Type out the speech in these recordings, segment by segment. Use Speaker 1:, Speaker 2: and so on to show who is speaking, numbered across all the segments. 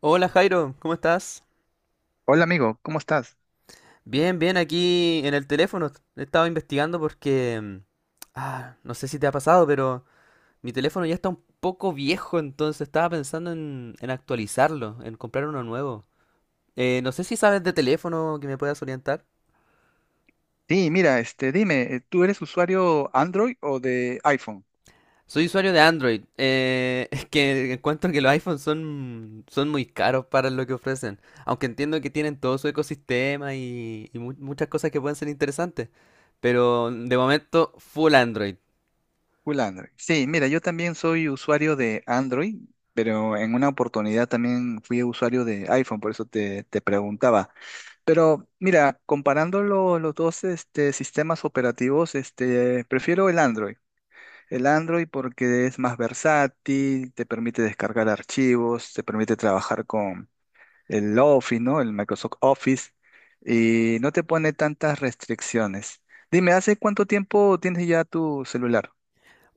Speaker 1: Hola Jairo, ¿cómo estás?
Speaker 2: Hola amigo, ¿cómo estás?
Speaker 1: Bien, bien, aquí en el teléfono. Estaba investigando porque Ah, no sé si te ha pasado, pero mi teléfono ya está un poco viejo, entonces estaba pensando en actualizarlo, en comprar uno nuevo. No sé si sabes de teléfono que me puedas orientar.
Speaker 2: Sí, mira, dime, ¿tú eres usuario Android o de iPhone?
Speaker 1: Soy usuario de Android. Es que encuentro que los iPhones son muy caros para lo que ofrecen. Aunque entiendo que tienen todo su ecosistema y muchas cosas que pueden ser interesantes. Pero de momento, full Android.
Speaker 2: Full Android. Sí, mira, yo también soy usuario de Android, pero en una oportunidad también fui usuario de iPhone, por eso te preguntaba. Pero mira, comparando los dos sistemas operativos, prefiero el Android. El Android porque es más versátil, te permite descargar archivos, te permite trabajar el Office, ¿no? El Microsoft Office, y no te pone tantas restricciones. Dime, ¿hace cuánto tiempo tienes ya tu celular?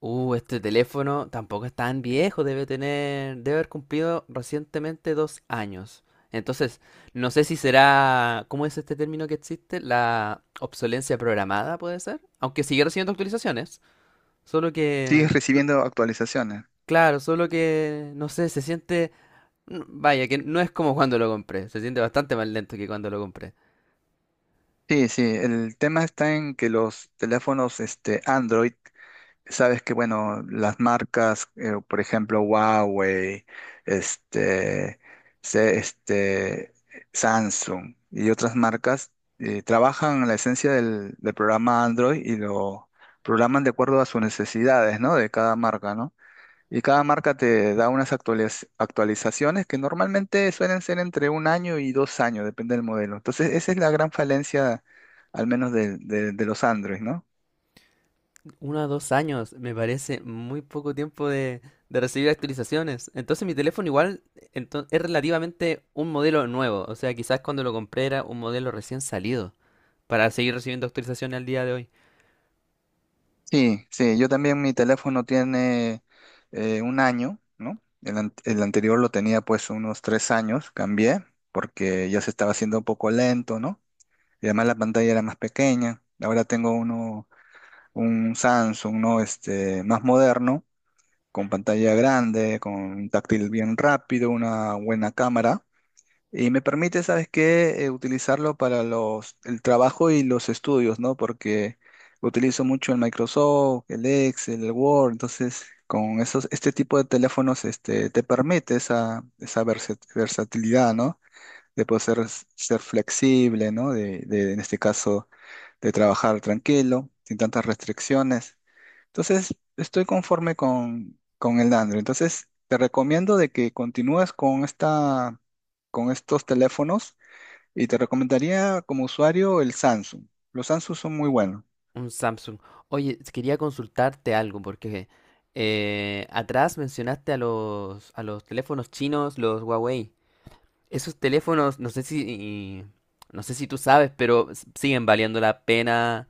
Speaker 1: Este teléfono tampoco es tan viejo, debe haber cumplido recientemente dos años. Entonces, no sé si será, ¿cómo es este término que existe? La obsolencia programada, puede ser. Aunque sigue recibiendo actualizaciones, solo que,
Speaker 2: ¿Sigues
Speaker 1: no-
Speaker 2: recibiendo actualizaciones?
Speaker 1: claro, solo que, no sé, se siente, que no es como cuando lo compré, se siente bastante más lento que cuando lo compré.
Speaker 2: Sí, sí, el tema está en que los teléfonos Android. Sabes que, bueno, las marcas, por ejemplo, Huawei, este, se- este, Samsung y otras marcas trabajan en la esencia del programa Android y lo programan de acuerdo a sus necesidades, ¿no? De cada marca, ¿no? Y cada marca te da unas actualizaciones que normalmente suelen ser entre 1 año y 2 años, depende del modelo. Entonces, esa es la gran falencia, al menos de los Android, ¿no?
Speaker 1: Uno a dos años, me parece muy poco tiempo de recibir actualizaciones. Entonces mi teléfono igual es relativamente un modelo nuevo. O sea, quizás cuando lo compré era un modelo recién salido para seguir recibiendo actualizaciones al día de hoy.
Speaker 2: Sí, sí, yo también mi teléfono tiene 1 año, ¿no? El, el anterior lo tenía pues unos 3 años, cambié porque ya se estaba haciendo un poco lento, ¿no? Y además la pantalla era más pequeña. Ahora tengo uno, un Samsung, ¿no? Más moderno, con pantalla grande, con un táctil bien rápido, una buena cámara. Y me permite, ¿sabes qué? Utilizarlo para el trabajo y los estudios, ¿no? Porque utilizo mucho el Microsoft, el Excel, el Word, entonces con esos, este tipo de teléfonos te permite esa versatilidad, ¿no? De ser flexible, ¿no? En este caso, de trabajar tranquilo, sin tantas restricciones. Entonces, estoy conforme con el Android. Entonces, te recomiendo de que continúes con esta, con estos teléfonos y te recomendaría como usuario el Samsung. Los Samsung son muy buenos.
Speaker 1: Un Samsung. Oye, quería consultarte algo porque atrás mencionaste a los teléfonos chinos, los Huawei. Esos teléfonos, no sé si, no sé si tú sabes, pero siguen valiendo la pena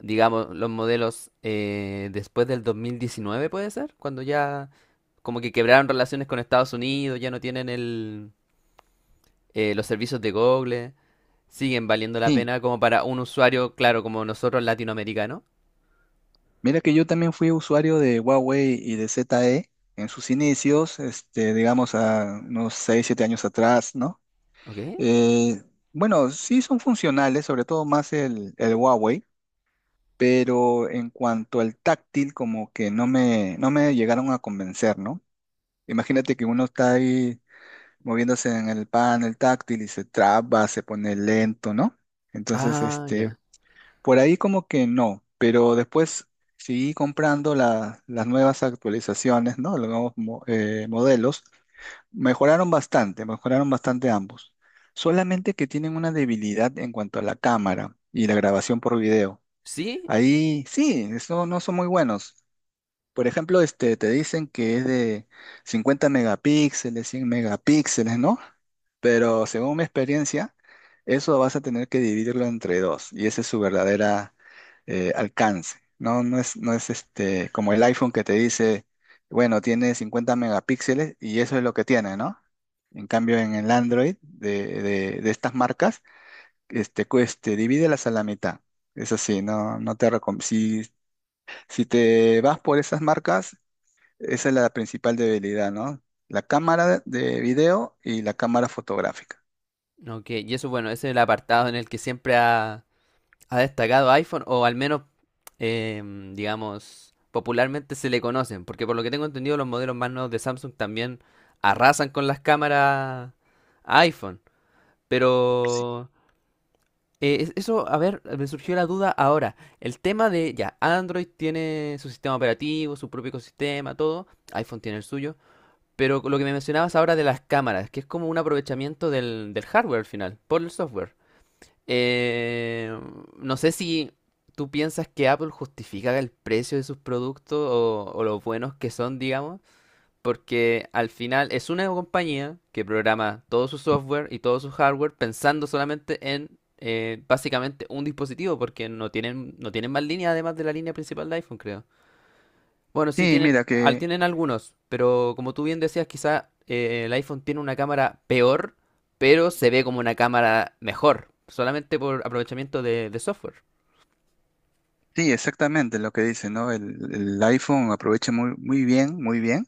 Speaker 1: digamos, los modelos después del 2019, puede ser, cuando ya como que quebraron relaciones con Estados Unidos, ya no tienen los servicios de Google, siguen valiendo la
Speaker 2: Sí,
Speaker 1: pena como para un usuario, claro, como nosotros latinoamericanos.
Speaker 2: mira que yo también fui usuario de Huawei y de ZTE en sus inicios, digamos a unos 6 o 7 años atrás, ¿no?
Speaker 1: ¿Ok?
Speaker 2: Eh, bueno, sí son funcionales, sobre todo más el Huawei, pero en cuanto al táctil, como que no me llegaron a convencer, ¿no? Imagínate que uno está ahí moviéndose en el panel táctil y se traba, se pone lento, ¿no? Entonces,
Speaker 1: Ah, ya.
Speaker 2: por ahí como que no, pero después seguí comprando las nuevas actualizaciones, ¿no? Los nuevos modelos. Mejoraron bastante ambos. Solamente que tienen una debilidad en cuanto a la cámara y la grabación por video.
Speaker 1: ¿Sí?
Speaker 2: Ahí sí, eso no son muy buenos. Por ejemplo, te dicen que es de 50 megapíxeles, 100 megapíxeles, ¿no? Pero según mi experiencia, eso vas a tener que dividirlo entre dos y ese es su verdadera alcance. No es como el iPhone que te dice, bueno, tiene 50 megapíxeles y eso es lo que tiene, ¿no? En cambio, en el Android de estas marcas, pues, te divídelas a la mitad. Es así, no te recomiendo. Si te vas por esas marcas, esa es la principal debilidad, ¿no? La cámara de video y la cámara fotográfica.
Speaker 1: Ok, y eso, bueno, ese es el apartado en el que siempre ha destacado iPhone, o al menos digamos, popularmente se le conocen, porque por lo que tengo entendido los modelos más nuevos de Samsung también arrasan con las cámaras iPhone, pero eso, a ver, me surgió la duda ahora, el tema de, ya, Android tiene su sistema operativo, su propio ecosistema, todo, iPhone tiene el suyo, pero lo que me mencionabas ahora de las cámaras, que es como un aprovechamiento del hardware al final, por el software. Eh, no sé si tú piensas que Apple justifica el precio de sus productos o los buenos que son, digamos, porque al final es una compañía que programa todo su software y todo su hardware pensando solamente en básicamente un dispositivo, porque no tienen más línea además de la línea principal de iPhone, creo. Bueno, sí,
Speaker 2: Sí,
Speaker 1: tienen, tienen algunos, pero como tú bien decías, quizá el iPhone tiene una cámara peor, pero se ve como una cámara mejor, solamente por aprovechamiento de software.
Speaker 2: sí, exactamente lo que dice, ¿no? El iPhone aprovecha muy bien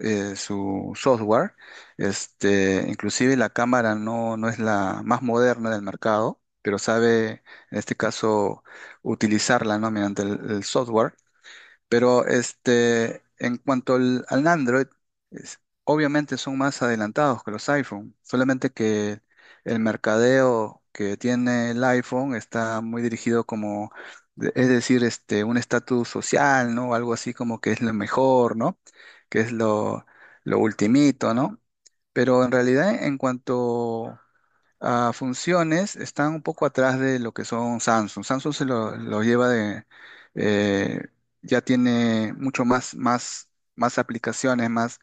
Speaker 2: su software. Inclusive la cámara no es la más moderna del mercado, pero sabe, en este caso, utilizarla, ¿no? Mediante el software. Pero en cuanto al Android, obviamente son más adelantados que los iPhone, solamente que el mercadeo que tiene el iPhone está muy dirigido como, es decir, un estatus social, ¿no? Algo así como que es lo mejor, ¿no? Que es lo ultimito, ¿no? Pero en realidad, en cuanto a funciones están un poco atrás de lo que son Samsung. Samsung se lo lleva de, eh, ya tiene mucho más aplicaciones, más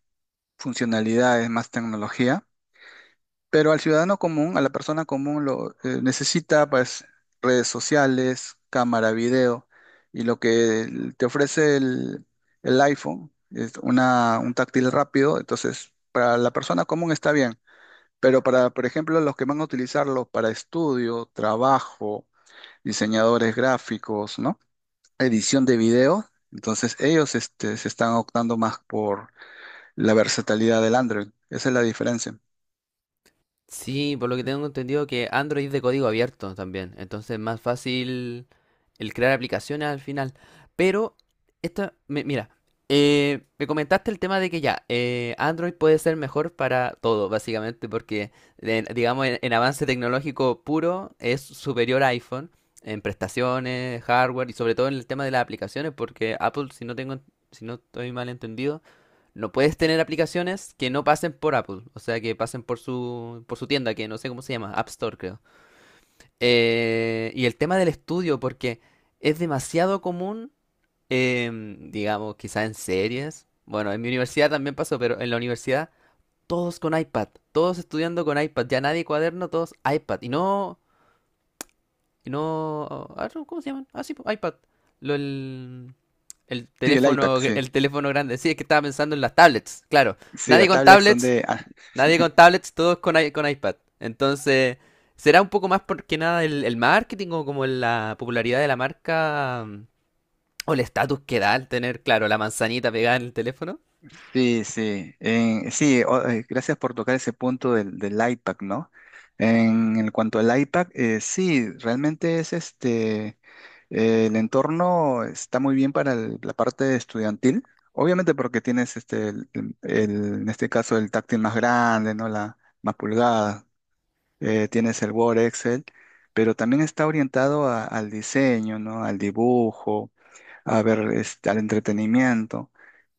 Speaker 2: funcionalidades, más tecnología, pero al ciudadano común, a la persona común, lo necesita pues redes sociales, cámara, video, y lo que te ofrece el iPhone es un táctil rápido, entonces para la persona común está bien. Pero para, por ejemplo, los que van a utilizarlos para estudio, trabajo, diseñadores gráficos, ¿no? Edición de video, entonces ellos se están optando más por la versatilidad del Android. Esa es la diferencia.
Speaker 1: Sí, por lo que tengo entendido que Android es de código abierto también, entonces es más fácil el crear aplicaciones al final. Pero, esta mira, me comentaste el tema de que ya, Android puede ser mejor para todo, básicamente, porque, digamos, en avance tecnológico puro es superior a iPhone, en prestaciones, hardware y sobre todo en el tema de las aplicaciones, porque Apple, si no tengo, si no estoy mal entendido, no puedes tener aplicaciones que no pasen por Apple, o sea, que pasen por su tienda, que no sé cómo se llama, App Store, creo. Y el tema del estudio, porque es demasiado común, digamos, quizá en series. Bueno, en mi universidad también pasó, pero en la universidad todos con iPad, todos estudiando con iPad, ya nadie cuaderno, todos iPad. Y no, ah, no, ¿cómo se llaman? Ah, sí, po, iPad. Lo- el, el
Speaker 2: Sí, el iPad,
Speaker 1: teléfono,
Speaker 2: sí.
Speaker 1: el teléfono grande. Sí, es que estaba pensando en las tablets, claro.
Speaker 2: Sí,
Speaker 1: Nadie
Speaker 2: las
Speaker 1: con
Speaker 2: tablets son
Speaker 1: tablets,
Speaker 2: de... ah,
Speaker 1: nadie con tablets, todos con iPad. Entonces, será un poco más porque nada el marketing o como la popularidad de la marca o el estatus que da al tener, claro, la manzanita pegada en el teléfono.
Speaker 2: sí, sí. Sí, gracias por tocar ese punto del iPad, ¿no? En cuanto al iPad, sí, realmente es este... El entorno está muy bien para la parte estudiantil, obviamente porque tienes en este caso el táctil más grande, ¿no? La más pulgada, tienes el Word, Excel, pero también está orientado al diseño, ¿no? Al dibujo, a ver, al entretenimiento.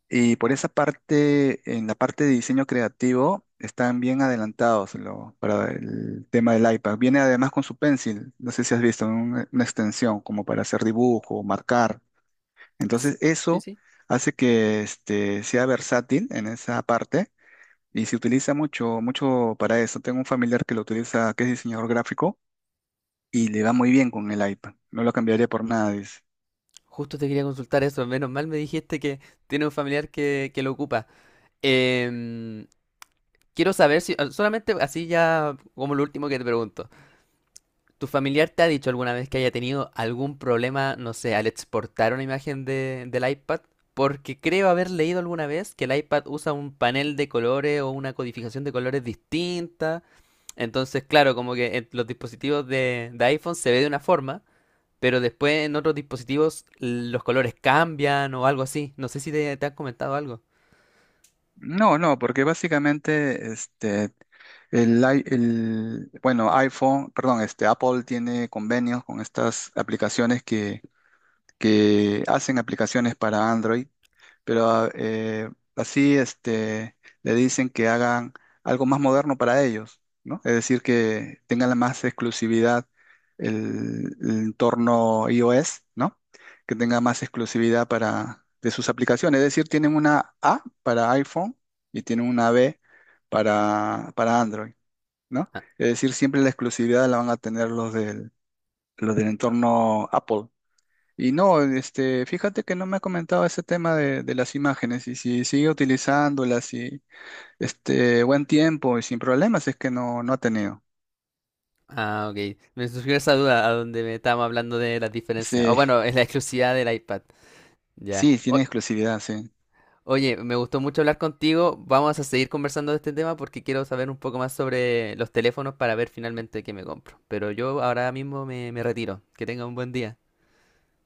Speaker 2: Y por esa parte, en la parte de diseño creativo, están bien adelantados para el tema del iPad. Viene además con su Pencil, no sé si has visto, una extensión como para hacer dibujo, marcar.
Speaker 1: Sí,
Speaker 2: Entonces,
Speaker 1: sí,
Speaker 2: eso
Speaker 1: sí.
Speaker 2: hace que sea versátil en esa parte y se utiliza mucho, mucho para eso. Tengo un familiar que lo utiliza, que es diseñador gráfico y le va muy bien con el iPad. No lo cambiaría por nada, dice.
Speaker 1: Justo te quería consultar eso. Menos mal me dijiste que tiene un familiar que lo ocupa. Em, Quiero saber si, solamente así ya como lo último que te pregunto. ¿Tu familiar te ha dicho alguna vez que haya tenido algún problema, no sé, al exportar una imagen del iPad? Porque creo haber leído alguna vez que el iPad usa un panel de colores o una codificación de colores distinta. Entonces, claro, como que en los dispositivos de iPhone se ve de una forma, pero después en otros dispositivos los colores cambian o algo así. No sé si te, te han comentado algo.
Speaker 2: No, no, porque básicamente bueno, iPhone, perdón, Apple tiene convenios con estas aplicaciones que hacen aplicaciones para Android, pero así este, le dicen que hagan algo más moderno para ellos, ¿no? Es decir, que tengan la más exclusividad el entorno iOS, ¿no? Que tenga más exclusividad para, de sus aplicaciones. Es decir, tienen una A para iPhone y tienen una B para Android, ¿no?
Speaker 1: Ah,
Speaker 2: Es decir, siempre la exclusividad la van a tener los del entorno Apple. Y no, fíjate que no me ha comentado ese tema de las imágenes, y si sigue utilizándolas y este buen tiempo y sin problemas es que no, no ha tenido.
Speaker 1: ah, ok. Me surgió esa duda a donde me estábamos hablando de las diferencias. O
Speaker 2: Sí,
Speaker 1: bueno, es la exclusividad del iPad. Ya.
Speaker 2: sí, tiene exclusividad, sí.
Speaker 1: Oye, me gustó mucho hablar contigo. Vamos a seguir conversando de este tema porque quiero saber un poco más sobre los teléfonos para ver finalmente qué me compro. Pero yo ahora mismo me retiro. Que tenga un buen día.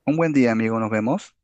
Speaker 2: Un buen día, amigo, nos vemos.